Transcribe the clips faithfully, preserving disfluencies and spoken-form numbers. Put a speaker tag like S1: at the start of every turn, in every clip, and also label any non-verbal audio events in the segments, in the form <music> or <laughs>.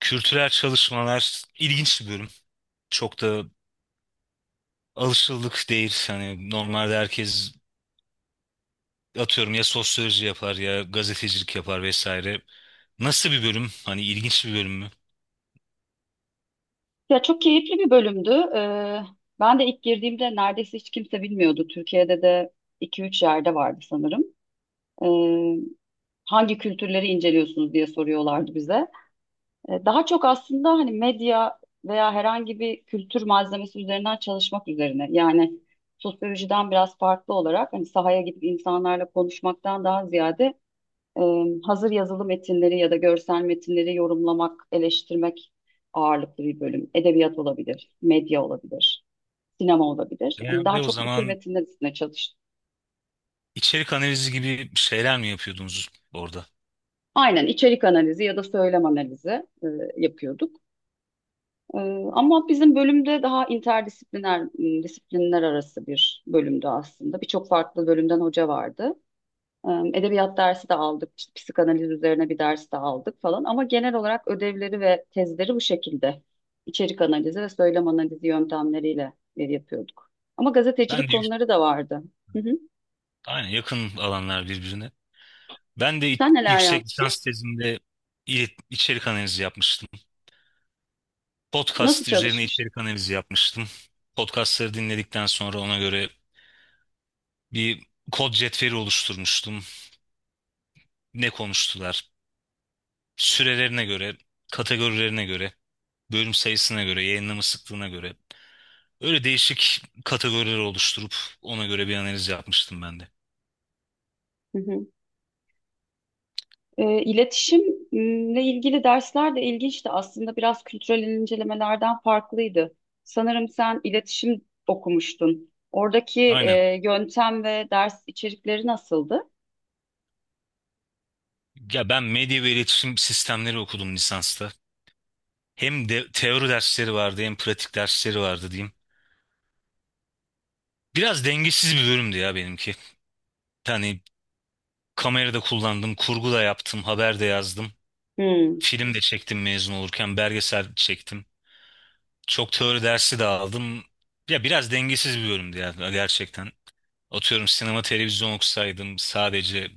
S1: Kültürel çalışmalar ilginç bir bölüm. Çok da alışıldık değil. Hani normalde herkes atıyorum ya sosyoloji yapar ya gazetecilik yapar vesaire. Nasıl bir bölüm? Hani ilginç bir bölüm mü?
S2: Ya çok keyifli bir bölümdü. Ee, ben de ilk girdiğimde neredeyse hiç kimse bilmiyordu. Türkiye'de de iki üç yerde vardı sanırım. Ee, Hangi kültürleri inceliyorsunuz diye soruyorlardı bize. Ee, daha çok aslında hani medya veya herhangi bir kültür malzemesi üzerinden çalışmak üzerine. Yani sosyolojiden biraz farklı olarak hani sahaya gidip insanlarla konuşmaktan daha ziyade e, hazır yazılı metinleri ya da görsel metinleri yorumlamak, eleştirmek ağırlıklı bir bölüm. Edebiyat olabilir, medya olabilir, sinema olabilir. Yani daha
S1: Genelde o
S2: çok bu tür
S1: zaman
S2: metinler üstüne çalıştık.
S1: içerik analizi gibi şeyler mi yapıyordunuz orada?
S2: Aynen içerik analizi ya da söylem analizi e, yapıyorduk. E, Ama bizim bölümde daha interdisipliner, m, disiplinler arası bir bölümdü aslında. Birçok farklı bölümden hoca vardı. Em, Edebiyat dersi de aldık, işte psikanaliz üzerine bir ders de aldık falan. Ama genel olarak ödevleri ve tezleri bu şekilde. İçerik analizi ve söylem analizi yöntemleriyle e, yapıyorduk. Ama gazetecilik
S1: Ben de yük-
S2: konuları da vardı. Hı hı.
S1: aynen yakın alanlar birbirine. Ben de i-
S2: Sen neler
S1: yüksek lisans
S2: yaptın?
S1: tezimde il- içerik analizi yapmıştım.
S2: Nasıl
S1: Podcast üzerine
S2: çalışmıştın?
S1: içerik analizi yapmıştım. Podcastları dinledikten sonra ona göre bir kod cetveli oluşturmuştum. Ne konuştular? Sürelerine göre, kategorilerine göre, bölüm sayısına göre, yayınlama sıklığına göre. Öyle değişik kategoriler oluşturup ona göre bir analiz yapmıştım ben de.
S2: Hı hı. E, iletişimle ilgili dersler de ilginçti. Aslında biraz kültürel incelemelerden farklıydı. Sanırım sen iletişim okumuştun. Oradaki
S1: Aynen.
S2: e, yöntem ve ders içerikleri nasıldı?
S1: Ya ben medya ve iletişim sistemleri okudum lisansta. Hem de teori dersleri vardı hem pratik dersleri vardı diyeyim. Biraz dengesiz bir bölümdü ya benimki. Yani kamerada kullandım, kurgu da yaptım, haber de yazdım.
S2: Hmm,
S1: Film de çektim mezun olurken, belgesel çektim. Çok teori dersi de aldım. Ya biraz dengesiz bir bölümdü ya gerçekten. Atıyorum sinema televizyon okusaydım sadece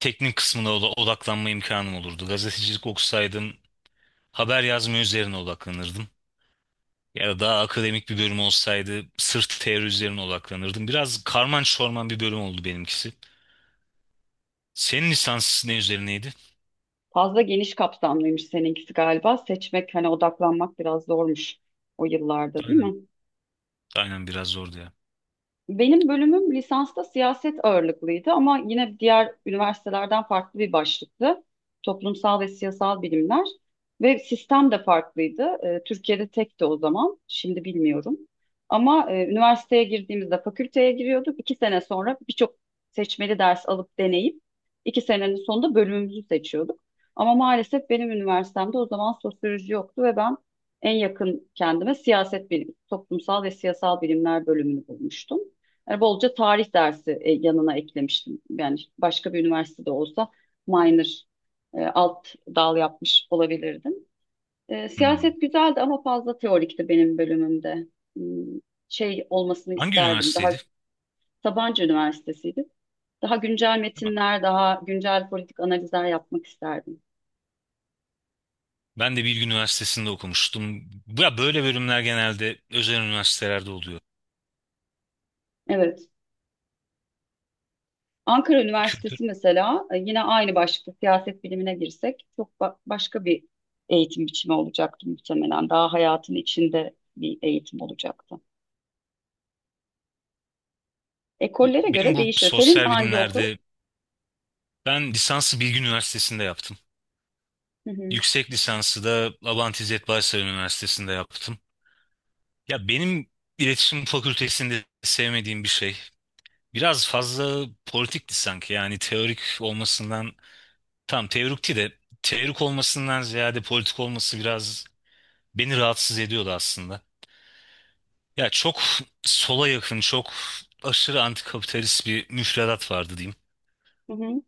S1: teknik kısmına oda- odaklanma imkanım olurdu. Gazetecilik okusaydım haber yazma üzerine odaklanırdım. Ya da daha akademik bir bölüm olsaydı sırf teori üzerine odaklanırdım. Biraz karman çorman bir bölüm oldu benimkisi. Senin lisans ne üzerineydi?
S2: Fazla geniş kapsamlıymış seninkisi galiba. Seçmek, hani odaklanmak biraz zormuş o yıllarda, değil
S1: Aynen.
S2: mi?
S1: Aynen biraz zordu ya.
S2: Benim bölümüm lisansta siyaset ağırlıklıydı ama yine diğer üniversitelerden farklı bir başlıktı. Toplumsal ve siyasal bilimler ve sistem de farklıydı. Ee, Türkiye'de tekti o zaman, şimdi bilmiyorum. Ama e, üniversiteye girdiğimizde fakülteye giriyorduk. İki sene sonra birçok seçmeli ders alıp deneyip iki senenin sonunda bölümümüzü seçiyorduk. Ama maalesef benim üniversitemde o zaman sosyoloji yoktu ve ben en yakın kendime siyaset bilimi, toplumsal ve siyasal bilimler bölümünü bulmuştum. Yani bolca tarih dersi e, yanına eklemiştim. Yani başka bir üniversitede olsa minor e, alt dal yapmış olabilirdim. E,
S1: Hmm.
S2: siyaset güzeldi ama fazla teorikti benim bölümümde. Hmm, Şey olmasını
S1: Hangi
S2: isterdim. Daha
S1: üniversiteydi?
S2: Sabancı Üniversitesi'ydi. Daha güncel metinler, daha güncel politik analizler yapmak isterdim.
S1: Ben de Bilgi Üniversitesi'nde okumuştum. Ya böyle bölümler genelde özel üniversitelerde oluyor.
S2: Evet. Ankara
S1: Kültür.
S2: Üniversitesi mesela e, yine aynı başlıkta siyaset bilimine girsek çok ba- başka bir eğitim biçimi olacaktı muhtemelen. Daha hayatın içinde bir eğitim olacaktı.
S1: Bu,
S2: Ekollere
S1: benim
S2: göre
S1: bu
S2: değişiyor. Senin
S1: sosyal
S2: hangi okul?
S1: bilimlerde ben lisansı Bilgi Üniversitesi'nde yaptım.
S2: Hı hı.
S1: Yüksek lisansı da Abant İzzet Baysal Üniversitesi'nde yaptım. Ya benim iletişim fakültesinde sevmediğim bir şey. Biraz fazla politikti sanki yani teorik olmasından tam teorikti de teorik olmasından ziyade politik olması biraz beni rahatsız ediyordu aslında. Ya çok sola yakın, çok aşırı antikapitalist bir müfredat vardı diyeyim.
S2: Hı hı.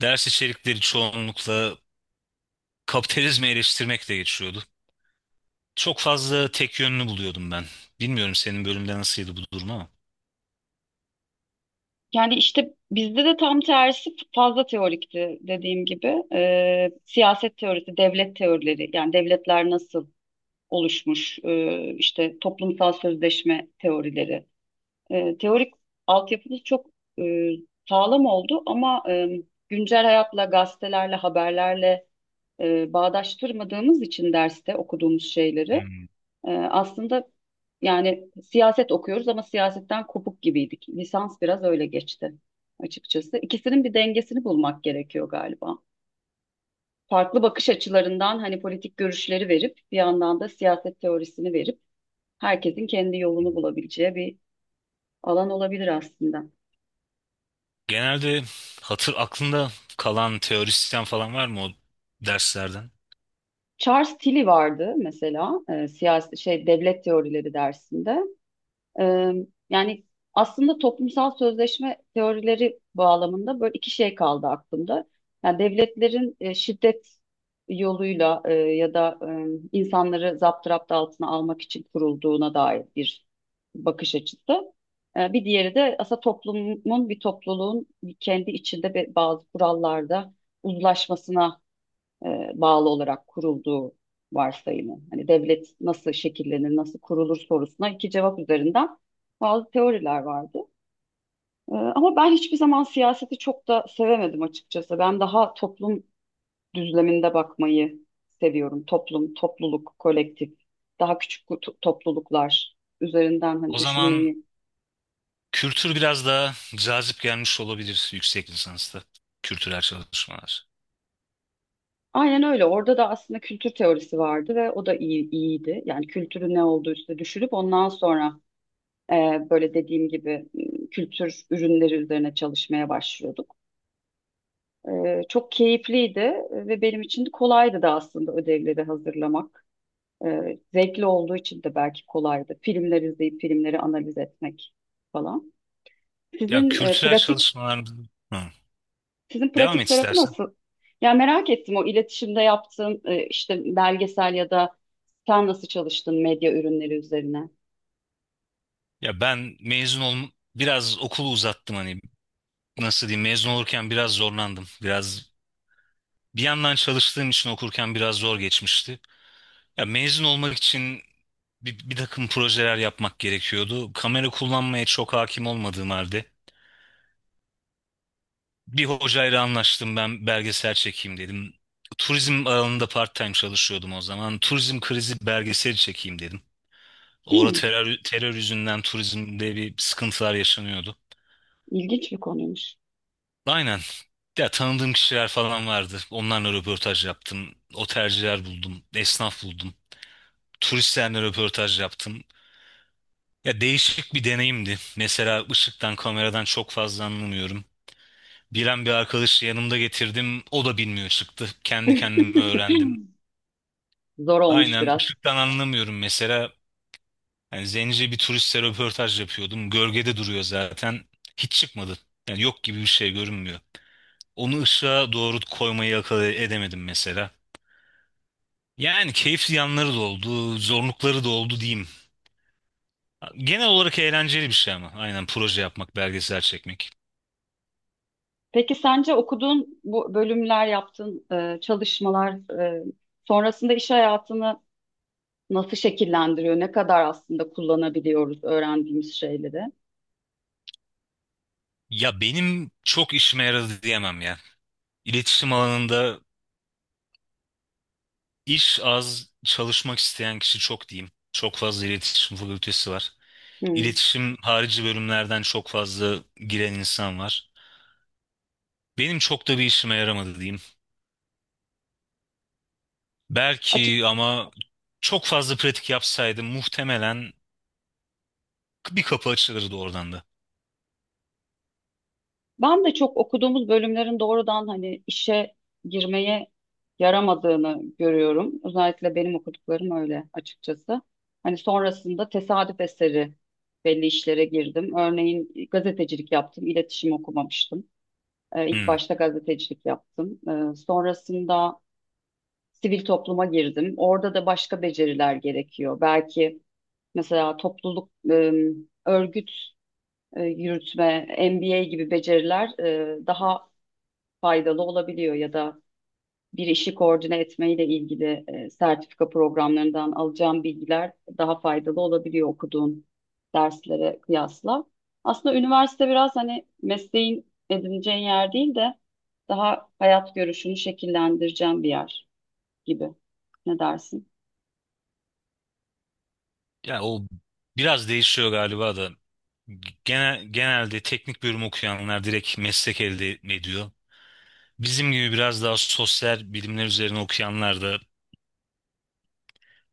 S1: Ders içerikleri çoğunlukla kapitalizmi eleştirmekle geçiyordu. Çok fazla tek yönlü buluyordum ben. Bilmiyorum senin bölümde nasıldı bu durum ama.
S2: Yani işte bizde de tam tersi fazla teorikti dediğim gibi. Ee, siyaset teorisi, devlet teorileri yani devletler nasıl oluşmuş, ee, işte toplumsal sözleşme teorileri. E, teorik altyapınız çok e, sağlam oldu ama e, güncel hayatla, gazetelerle, haberlerle e, bağdaştırmadığımız için derste okuduğumuz şeyleri
S1: Hmm.
S2: e, aslında yani siyaset okuyoruz ama siyasetten kopuk gibiydik. Lisans biraz öyle geçti açıkçası. İkisinin bir dengesini bulmak gerekiyor galiba. Farklı bakış açılarından hani politik görüşleri verip bir yandan da siyaset teorisini verip herkesin kendi yolunu bulabileceği bir alan olabilir aslında.
S1: Genelde hatır aklında kalan teorisyen falan var mı o derslerden?
S2: Charles Tilly vardı mesela e, siyasi şey devlet teorileri dersinde. E, Yani aslında toplumsal sözleşme teorileri bağlamında böyle iki şey kaldı aklımda. Yani devletlerin e, şiddet yoluyla e, ya da e, insanları zapturapt altına almak için kurulduğuna dair bir bakış açısı. E, bir diğeri de aslında toplumun bir topluluğun kendi içinde be- bazı kurallarda uzlaşmasına e, bağlı olarak kurulduğu varsayımı. Hani devlet nasıl şekillenir, nasıl kurulur sorusuna iki cevap üzerinden bazı teoriler vardı. E, ama ben hiçbir zaman siyaseti çok da sevemedim açıkçası. Ben daha toplum düzleminde bakmayı seviyorum. Toplum, topluluk, kolektif, daha küçük to- topluluklar üzerinden hani
S1: O zaman
S2: düşünmeyi.
S1: kültür biraz daha cazip gelmiş olabilir yüksek lisansta. Kültürel çalışmalar.
S2: Aynen öyle. Orada da aslında kültür teorisi vardı ve o da iyi, iyiydi. Yani kültürün ne olduğu üstüne düşünüp ondan sonra Ee, böyle dediğim gibi kültür ürünleri üzerine çalışmaya başlıyorduk. Ee, çok keyifliydi ve benim için de kolaydı da aslında ödevleri hazırlamak. Ee, zevkli olduğu için de belki kolaydı. Filmler izleyip filmleri analiz etmek falan.
S1: Ya
S2: Sizin e,
S1: kültürel
S2: pratik
S1: çalışmalar... Hı.
S2: sizin
S1: Devam et.
S2: pratik tarafı nasıl? Ya merak ettim o iletişimde yaptığın e, işte belgesel ya da sen nasıl çalıştın medya ürünleri üzerine?
S1: Ya ben mezun ol Biraz okulu uzattım, hani nasıl diyeyim, mezun olurken biraz zorlandım. Biraz bir yandan çalıştığım için okurken biraz zor geçmişti. Ya mezun olmak için bir, bir takım projeler yapmak gerekiyordu. Kamera kullanmaya çok hakim olmadığım halde bir hocayla anlaştım, ben belgesel çekeyim dedim. Turizm alanında part-time çalışıyordum o zaman. Turizm krizi belgeseli çekeyim dedim. Orada
S2: Hmm,
S1: terör, terör yüzünden turizmde bir sıkıntılar yaşanıyordu.
S2: ilginç bir konuymuş.
S1: Aynen. Ya tanıdığım kişiler falan vardı. Onlarla röportaj yaptım. Otelciler buldum. Esnaf buldum. Turistlerle röportaj yaptım. Ya değişik bir deneyimdi. Mesela ışıktan, kameradan çok fazla anlamıyorum. Bilen bir arkadaşı yanımda getirdim. O da bilmiyor çıktı. Kendi kendime
S2: <laughs>
S1: öğrendim.
S2: Zor olmuş
S1: Aynen
S2: biraz.
S1: ışıktan anlamıyorum mesela. Yani zence bir turistle röportaj yapıyordum. Gölgede duruyor zaten. Hiç çıkmadı. Yani yok gibi, bir şey görünmüyor. Onu ışığa doğru koymayı akıl edemedim mesela. Yani keyifli yanları da oldu, zorlukları da oldu diyeyim. Genel olarak eğlenceli bir şey ama. Aynen, proje yapmak, belgesel çekmek.
S2: Peki sence okuduğun bu bölümler, yaptığın e, çalışmalar e, sonrasında iş hayatını nasıl şekillendiriyor? Ne kadar aslında kullanabiliyoruz öğrendiğimiz şeyleri?
S1: Ya benim çok işime yaradı diyemem ya. İletişim alanında iş az, çalışmak isteyen kişi çok diyeyim. Çok fazla iletişim fakültesi var.
S2: Hmm.
S1: İletişim harici bölümlerden çok fazla giren insan var. Benim çok da bir işime yaramadı diyeyim.
S2: Açık.
S1: Belki ama çok fazla pratik yapsaydım muhtemelen bir kapı açılırdı oradan da.
S2: Ben de çok okuduğumuz bölümlerin doğrudan hani işe girmeye yaramadığını görüyorum. Özellikle benim okuduklarım öyle açıkçası. Hani sonrasında tesadüf eseri belli işlere girdim. Örneğin gazetecilik yaptım, iletişim okumamıştım. Ee, İlk
S1: Hmm.
S2: başta gazetecilik yaptım. Ee, Sonrasında sivil topluma girdim. Orada da başka beceriler gerekiyor. Belki mesela topluluk, e, örgüt e, yürütme, M B A gibi beceriler e, daha faydalı olabiliyor ya da bir işi koordine etmeyle ilgili e, sertifika programlarından alacağım bilgiler daha faydalı olabiliyor okuduğun derslere kıyasla. Aslında üniversite biraz hani mesleğin edineceğin yer değil de daha hayat görüşünü şekillendireceğin bir yer gibi. Ne dersin?
S1: Ya o biraz değişiyor galiba da. Genel, genelde teknik bölüm okuyanlar direkt meslek elde ediyor. Bizim gibi biraz daha sosyal bilimler üzerine okuyanlar da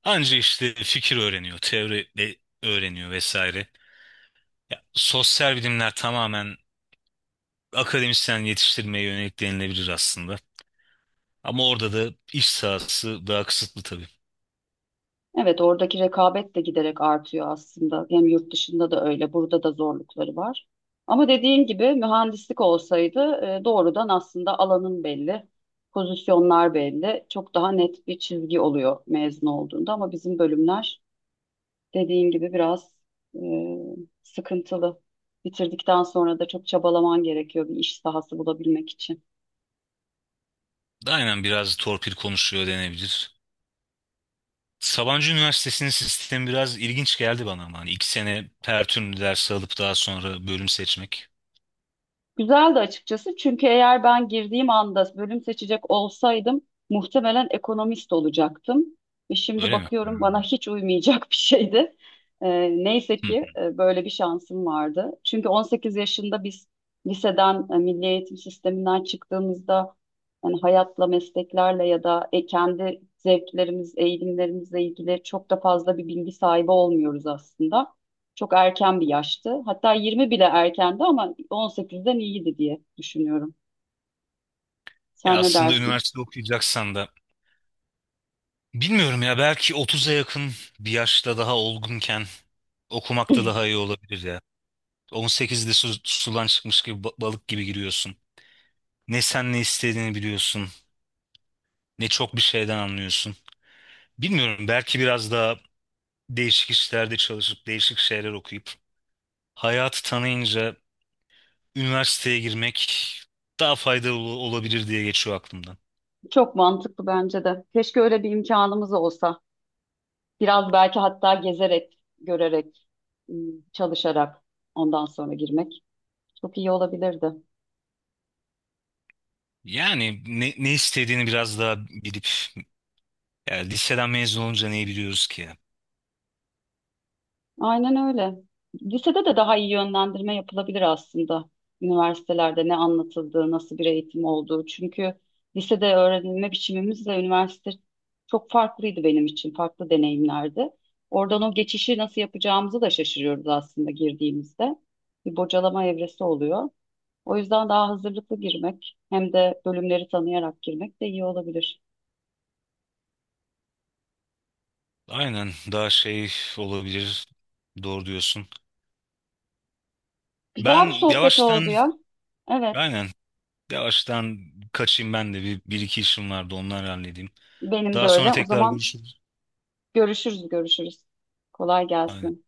S1: anca işte fikir öğreniyor, teori de öğreniyor vesaire. Ya, sosyal bilimler tamamen akademisyen yetiştirmeye yönelik denilebilir aslında. Ama orada da iş sahası daha kısıtlı tabii.
S2: Evet, oradaki rekabet de giderek artıyor aslında. Hem yurt dışında da öyle, burada da zorlukları var. Ama dediğin gibi mühendislik olsaydı e, doğrudan aslında alanın belli, pozisyonlar belli, çok daha net bir çizgi oluyor mezun olduğunda. Ama bizim bölümler dediğin gibi biraz e, sıkıntılı. Bitirdikten sonra da çok çabalaman gerekiyor bir iş sahası bulabilmek için.
S1: Aynen, biraz torpil konuşuyor denebilir. Sabancı Üniversitesi'nin sistemi biraz ilginç geldi bana ama hani iki sene her ders alıp daha sonra bölüm seçmek.
S2: Güzeldi açıkçası çünkü eğer ben girdiğim anda bölüm seçecek olsaydım muhtemelen ekonomist olacaktım. Ve şimdi
S1: Öyle mi?
S2: bakıyorum bana
S1: Hmm.
S2: hiç uymayacak bir şeydi. Ee, neyse
S1: Hı.
S2: ki e, böyle bir şansım vardı. Çünkü on sekiz yaşında biz liseden, e, milli eğitim sisteminden çıktığımızda yani hayatla, mesleklerle ya da e, kendi zevklerimiz, eğilimlerimizle ilgili çok da fazla bir bilgi sahibi olmuyoruz aslında. Çok erken bir yaştı. Hatta yirmi bile erkendi ama on sekizden iyiydi diye düşünüyorum.
S1: Ya
S2: Sen ne
S1: aslında
S2: dersin?
S1: üniversite okuyacaksan da bilmiyorum ya, belki otuza yakın bir yaşta daha olgunken okumak da daha iyi olabilir ya. on sekizde su, sudan çıkmış gibi ba- balık gibi giriyorsun. Ne sen ne istediğini biliyorsun, ne çok bir şeyden anlıyorsun. Bilmiyorum, belki biraz daha değişik işlerde çalışıp değişik şeyler okuyup hayatı tanıyınca üniversiteye girmek daha faydalı olabilir diye geçiyor aklımdan.
S2: Çok mantıklı bence de. Keşke öyle bir imkanımız olsa. Biraz belki hatta gezerek, görerek, ım, çalışarak ondan sonra girmek çok iyi olabilirdi.
S1: Yani ne, ne istediğini biraz daha bilip, yani liseden mezun olunca neyi biliyoruz ki?
S2: Aynen öyle. Lisede de daha iyi yönlendirme yapılabilir aslında. Üniversitelerde ne anlatıldığı, nasıl bir eğitim olduğu. Çünkü lisede öğrenilme biçimimizle üniversite çok farklıydı benim için, farklı deneyimlerdi. Oradan o geçişi nasıl yapacağımızı da şaşırıyoruz aslında girdiğimizde. Bir bocalama evresi oluyor. O yüzden daha hazırlıklı girmek hem de bölümleri tanıyarak girmek de iyi olabilir.
S1: Aynen, daha şey olabilir, doğru diyorsun.
S2: Güzel bir
S1: Ben
S2: sohbet oldu
S1: yavaştan
S2: ya. Evet,
S1: aynen yavaştan kaçayım, ben de bir, bir iki işim vardı, onları halledeyim.
S2: benim de
S1: Daha sonra
S2: öyle. O
S1: tekrar
S2: zaman
S1: görüşürüz.
S2: görüşürüz, görüşürüz. Kolay
S1: Aynen.
S2: gelsin.